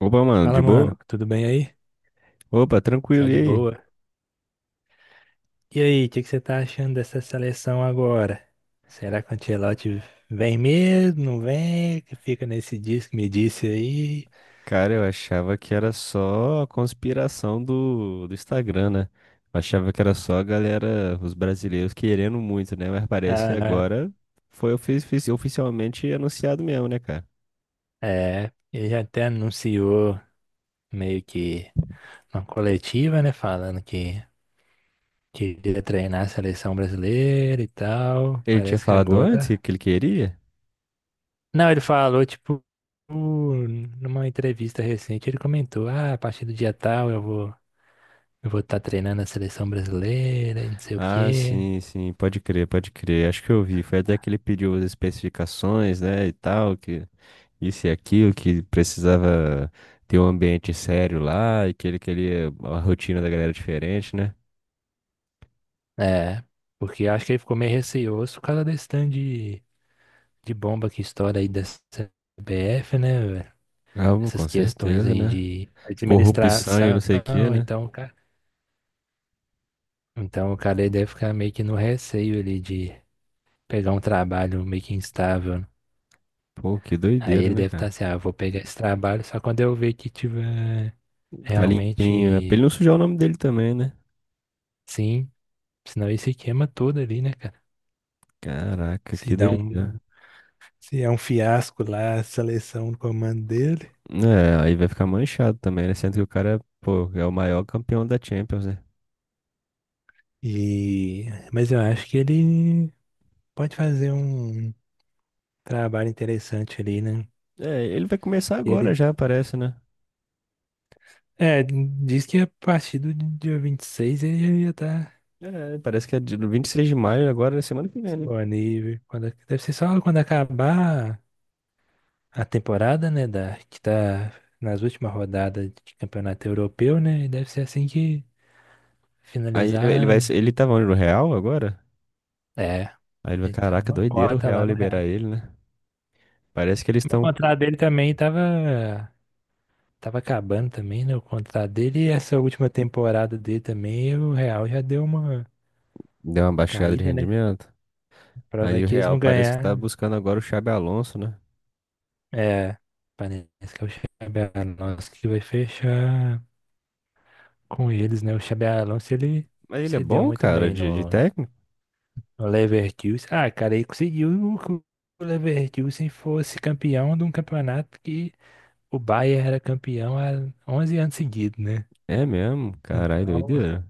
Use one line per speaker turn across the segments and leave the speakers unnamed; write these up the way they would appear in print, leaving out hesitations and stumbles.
Opa, mano, de
Fala,
boa?
mano, tudo bem aí?
Opa, tranquilo,
Tá
e
de
aí?
boa? E aí, o que que você tá achando dessa seleção agora? Será que o Ancelotti vem mesmo? Não vem? Que fica nesse disco, me disse aí.
Cara, eu achava que era só a conspiração do Instagram, né? Eu achava que era só a galera, os brasileiros querendo muito, né? Mas parece que
Aham.
agora foi oficialmente anunciado mesmo, né, cara?
É, ele já até anunciou meio que uma coletiva, né? Falando que queria treinar a seleção brasileira e tal.
Ele tinha
Parece que
falado antes que
agora.
que ele queria?
Não, ele falou, tipo, numa entrevista recente, ele comentou: ah, a partir do dia tal eu vou estar treinando a seleção brasileira e não sei o
Ah,
quê.
sim, pode crer, pode crer. Acho que eu vi. Foi até que ele pediu as especificações, né, e tal, que isso e aquilo, que precisava ter um ambiente sério lá, e que ele queria uma rotina da galera diferente, né?
É, porque acho que ele ficou meio receoso por causa desse tanto de bomba que estoura aí da CBF, né, velho?
Ah, bom, com
Essas questões
certeza,
aí
né?
de
Corrupção e não
administração,
sei o que, né?
então, o cara aí deve ficar meio que no receio ali de pegar um trabalho meio que instável. Né?
Pô, que
Aí
doideira,
ele
né,
deve estar
cara?
assim, ah, eu vou pegar esse trabalho só quando eu ver que tiver
Tá limpinho, né? Pra ele
realmente
não sujar o nome dele também, né?
sim, senão ele se queima todo ali, né, cara?
Caraca,
Se
que
dá um
doideira.
Se é um fiasco lá a seleção do comando dele.
É, aí vai ficar manchado também, né? Sendo que o cara, pô, é o maior campeão da Champions, né?
E... Mas eu acho que ele pode fazer um trabalho interessante ali, né?
É, ele vai começar
E
agora
Ele...
já, parece, né?
É, diz que a partir do dia 26 ele já tá
É, parece que é do 26 de maio agora, na semana que vem, né?
disponível. Quando... Deve ser só quando acabar a temporada, né? Da... Que tá nas últimas rodadas de campeonato europeu, né? E deve ser assim que
Aí ele
finalizar.
vai, ele tava onde, no Real agora?
É,
Aí ele vai,
então
caraca,
uma
doideira o
cota
Real
lá no
liberar
Real.
ele, né? Parece que eles
O
estão.
contrato dele também tava acabando também, né, o contrato dele e essa última temporada dele também, o Real já deu uma
Deu uma baixada de
caída, né?
rendimento. Aí o
Provavelmente eles
Real
não
parece que tá
ganharam.
buscando agora o Xabi Alonso, né?
É, parece que é o Xabi Alonso que vai fechar com eles, né? O Xabi Alonso, ele
Mas ele é
se deu
bom,
muito
cara,
bem
de
no,
técnico?
no Leverkusen. Ah, cara, ele conseguiu que o Leverkusen fosse campeão de um campeonato que o Bayern era campeão há 11 anos seguidos, né?
É mesmo, caralho,
Então,
doideira.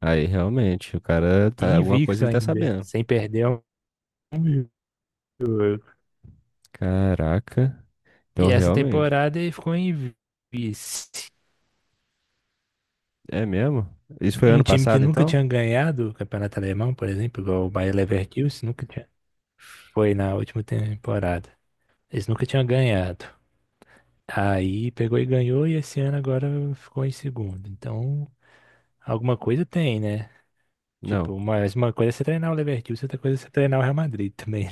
Aí realmente, o cara
e
tá. Alguma coisa
invicto
ele tá
ainda,
sabendo.
sem perder um jogo.
Caraca. Então
E essa
realmente.
temporada ele ficou em vice.
É mesmo? Isso foi
Um
ano
time que
passado,
nunca
então?
tinha ganhado o Campeonato Alemão, por exemplo, igual o Bayer Leverkusen, nunca tinha. Foi na última temporada. Eles nunca tinham ganhado. Aí pegou e ganhou, e esse ano agora ficou em segundo. Então, alguma coisa tem, né?
Não.
Tipo, mas uma coisa é você treinar o Leverkusen, outra coisa é você treinar o Real Madrid também.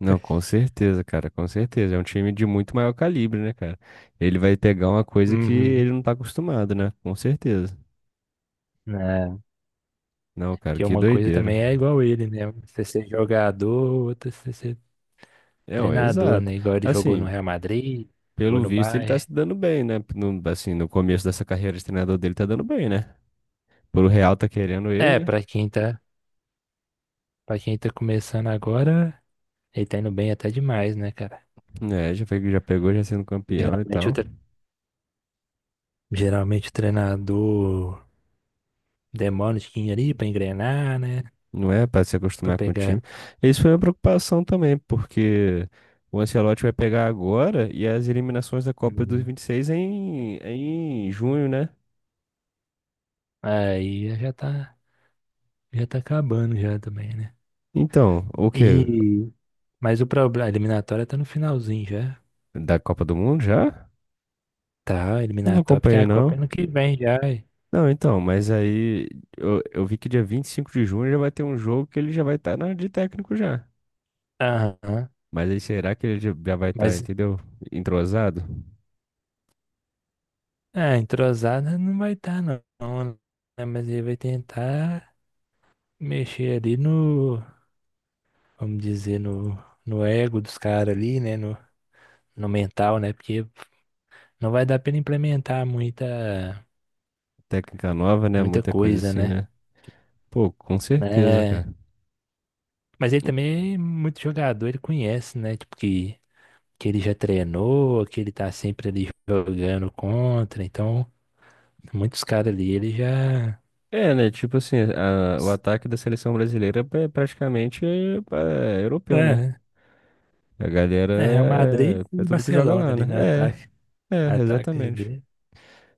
Não, com certeza, cara, com certeza. É um time de muito maior calibre, né, cara? Ele vai pegar uma coisa que
Uhum.
ele não tá acostumado, né? Com certeza.
É,
Não, cara,
que é
que
uma coisa
doideira.
também é igual ele, né? Você ser jogador, outra você ser
Não,
treinador,
exato.
né? Igual ele jogou no
Assim,
Real Madrid, jogou
pelo
no
visto ele tá
Bayern.
se dando bem, né? No, assim, no começo dessa carreira de treinador dele tá dando bem, né? Pelo Real tá querendo
É,
ele,
para quem tá começando agora, ele tá indo bem até demais, né, cara?
né? É, já foi, já pegou, já sendo campeão e
Geralmente
tal.
o treinador demora um tiquinho ali pra engrenar, né?
Não é pra se
Pra
acostumar com o time.
pegar.
Isso foi uma preocupação também, porque o Ancelotti vai pegar agora e as eliminações da Copa dos
Uhum.
26 é em junho, né?
Aí já tá acabando já também, né?
Então, o quê?
E, mas o problema, a eliminatória tá no finalzinho já.
Da Copa do Mundo já?
Tá, a
Eu não
eliminatória, porque
acompanhei,
a Copa é
não.
ano que vem já.
Não, então, mas aí eu vi que dia 25 de junho já vai ter um jogo que ele já vai estar na de técnico já.
Aham.
Mas aí será que ele já vai estar,
Mas
entendeu? Entrosado?
Ah, entrosada não vai estar, não, não, né? Mas ele vai tentar mexer ali vamos dizer, no ego dos caras ali, né? No, no mental, né? Porque não vai dar pra ele implementar muita,
Técnica nova, né?
muita
Muita coisa
coisa,
assim,
né?
né? Pô, com certeza,
né?
cara.
Mas ele também é muito jogador, ele conhece, né? Tipo, que ele já treinou, que ele tá sempre ali jogando contra. Então, muitos caras ali, ele já.
É, né? Tipo assim, o ataque da seleção brasileira é praticamente é europeu, né?
É,
A galera
é, Real Madrid
é
e
tudo que joga
Barcelona
lá,
ali
né?
no ataque. Ataque
Exatamente.
de.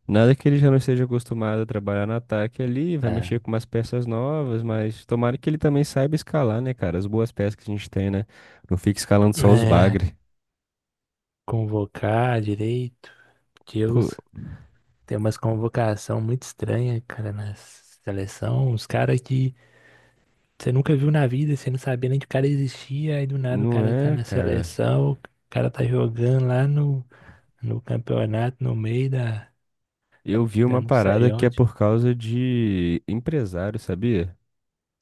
Nada que ele já não esteja acostumado a trabalhar no ataque ali, vai mexer
Tá.
com umas peças novas, mas tomara que ele também saiba escalar, né, cara? As boas peças que a gente tem, né? Não fica escalando só os
É,
bagre.
convocar direito.
Pô,
Deus, tem umas convocação muito estranha, cara, na seleção. Os caras que você nunca viu na vida, você não sabia nem que o cara existia, aí do nada o
não
cara tá
é,
na
cara.
seleção, o cara tá jogando lá no campeonato, no meio
Eu vi
da
uma
não
parada
sei
que é
onde.
por causa de empresário, sabia?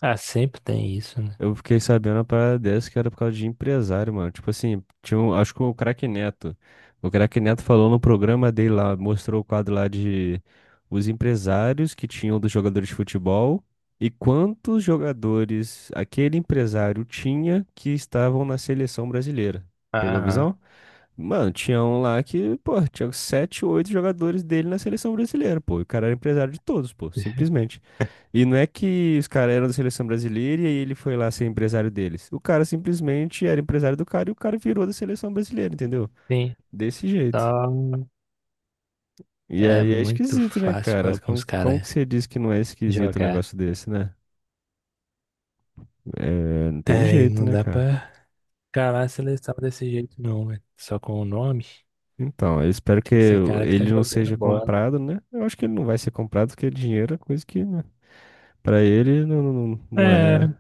Ah, sempre tem isso, né?
Eu fiquei sabendo uma parada dessa que era por causa de empresário, mano. Tipo assim, tinha um, acho que o Craque Neto. O Craque Neto falou no programa dele lá, mostrou o quadro lá de os empresários que tinham dos jogadores de futebol e quantos jogadores aquele empresário tinha que estavam na seleção brasileira. Pegou a
Aham.
visão? Mano, tinha um lá que, pô, tinha sete, oito jogadores dele na seleção brasileira, pô. E o cara era empresário de todos, pô, simplesmente. E não é que os caras eram da seleção brasileira e aí ele foi lá ser empresário deles. O cara simplesmente era empresário do cara e o cara virou da seleção brasileira, entendeu?
Sim,
Desse jeito.
só
E
é
aí é
muito
esquisito, né,
fácil pra
cara? Como,
alguns
como que
caras
você diz que não é esquisito um
jogar.
negócio desse, né? É, não tem
É, e
jeito,
não
né,
dá
cara?
pra Cara, a seleção desse jeito não, velho. Só com o nome.
Então, eu espero que
Tem que ser cara que tá
ele não
jogando
seja
bola.
comprado, né? Eu acho que ele não vai ser comprado, porque é dinheiro é coisa que, né? Pra ele não, não
É,
é,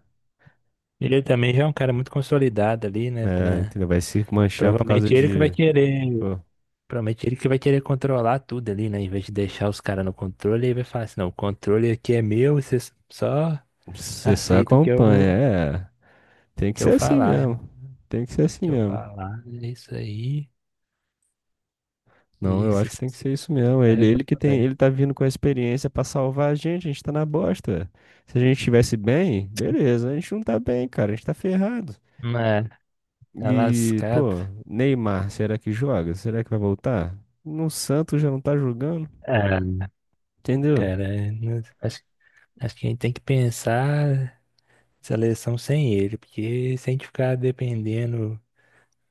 ele também já é um cara muito consolidado ali, né?
né,
Pra...
entendeu? Vai se manchar por causa
Provavelmente ele que vai
de,
querer.
pô,
Provavelmente ele que vai querer controlar tudo ali, né? Em vez de deixar os caras no controle, ele vai falar assim, não, o controle aqui é meu, vocês só
você só
aceitam o que eu,
acompanha, é, tem que
que eu
ser assim
falar,
mesmo,
irmão. O
tem que ser assim
Que eu
mesmo.
falar, é isso aí.
Não,
E
eu
se,
acho que
se,
tem que
se
ser isso mesmo.
vai
Ele que tem,
resolver.
ele tá vindo com a experiência pra salvar a gente tá na bosta, velho. Se a gente estivesse bem, beleza, a gente não tá bem, cara, a gente tá ferrado.
Mas, tá
E,
lascado.
pô, Neymar, será que joga? Será que vai voltar? No Santos já não tá jogando,
Ah,
entendeu?
cara, acho que a gente tem que pensar seleção sem ele, porque se a gente ficar dependendo,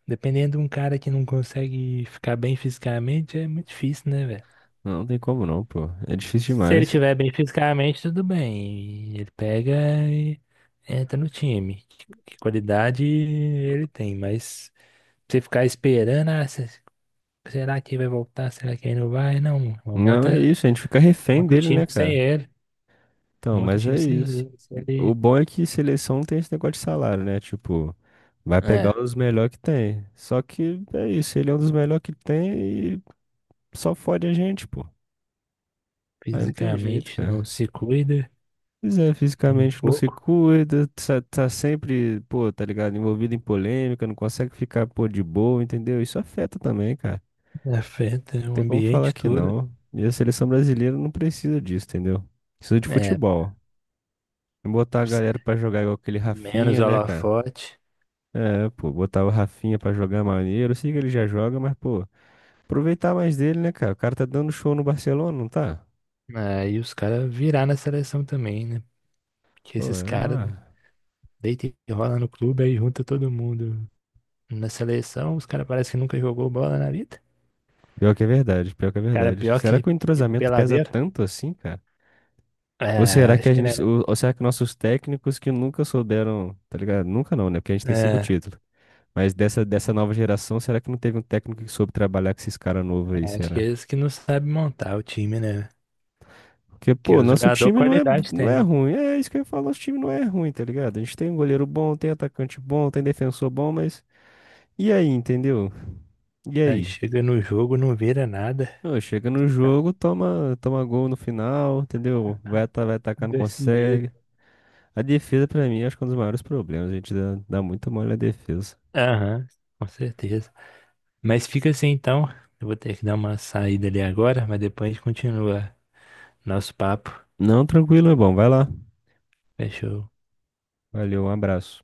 dependendo de um cara que não consegue ficar bem fisicamente, é muito difícil, né, velho?
Não, não tem como não, pô. É difícil
Se ele
demais.
estiver bem fisicamente, tudo bem. Ele pega e entra no time. Que qualidade ele tem, mas você ficar esperando, ah, será que vai voltar? Será que ele não vai? Não, mano.
Não, é isso, a gente fica refém
Monta o
dele,
time
né,
sem
cara?
ele.
Então,
Monta o
mas é
time sem
isso.
ele. Se
O
ele,
bom é que seleção não tem esse negócio de salário, né? Tipo, vai pegar
é,
os melhores que tem. Só que é isso, ele é um dos melhores que tem e só fode a gente, pô. Aí não tem jeito,
fisicamente não
cara.
se cuida.
Pois é,
Tem um
fisicamente não se
pouco,
cuida, tá, tá sempre, pô, tá ligado? Envolvido em polêmica, não consegue ficar, pô, de boa, entendeu? Isso afeta também, cara. Não
afeta o
tem como falar
ambiente
que
todo.
não. E a seleção brasileira não precisa disso, entendeu? Precisa de
É,
futebol. Botar a galera
precisa
pra jogar igual aquele
menos
Rafinha, né, cara?
holofote.
É, pô, botar o Rafinha pra jogar é maneiro. Eu sei que ele já joga, mas, pô, aproveitar mais dele, né, cara? O cara tá dando show no Barcelona, não tá?
Aí os caras virar na seleção também, né? Porque
Pô,
esses
é,
caras
uma-
deita e rola no clube, aí junta todo mundo na seleção. Os caras parecem que nunca jogou bola na vida.
pior que é verdade, pior que é
Cara
verdade.
pior
Será que o
que
entrosamento pesa
peladeiro.
tanto assim, cara? Ou
É,
será que a
acho que né?
gente, ou será que nossos técnicos que nunca souberam, tá ligado? Nunca não, né? Porque a gente tem cinco
É,
títulos. Mas dessa nova geração, será que não teve um técnico que soube trabalhar com esses caras novos aí,
acho que é
será?
eles que não sabem montar o time, né?
Porque,
Porque
pô,
os
nosso
jogadores
time não é,
qualidade
não é
tem.
ruim. É isso que eu ia falar, nosso time não é ruim, tá ligado? A gente tem um goleiro bom, tem atacante bom, tem defensor bom, mas. E aí, entendeu? E
Aí
aí?
chega no jogo, não vira nada.
Ô, chega no jogo, toma, toma gol no final, entendeu? Vai, vai atacar, não
Desse
consegue.
jeito.
A defesa, pra mim, acho que é um dos maiores problemas. A gente dá muito mole na defesa.
Aham, com certeza. Mas fica assim então. Eu vou ter que dar uma saída ali agora, mas depois a gente continua nosso papo.
Não, tranquilo, é bom. Vai lá.
Fechou.
Valeu, um abraço.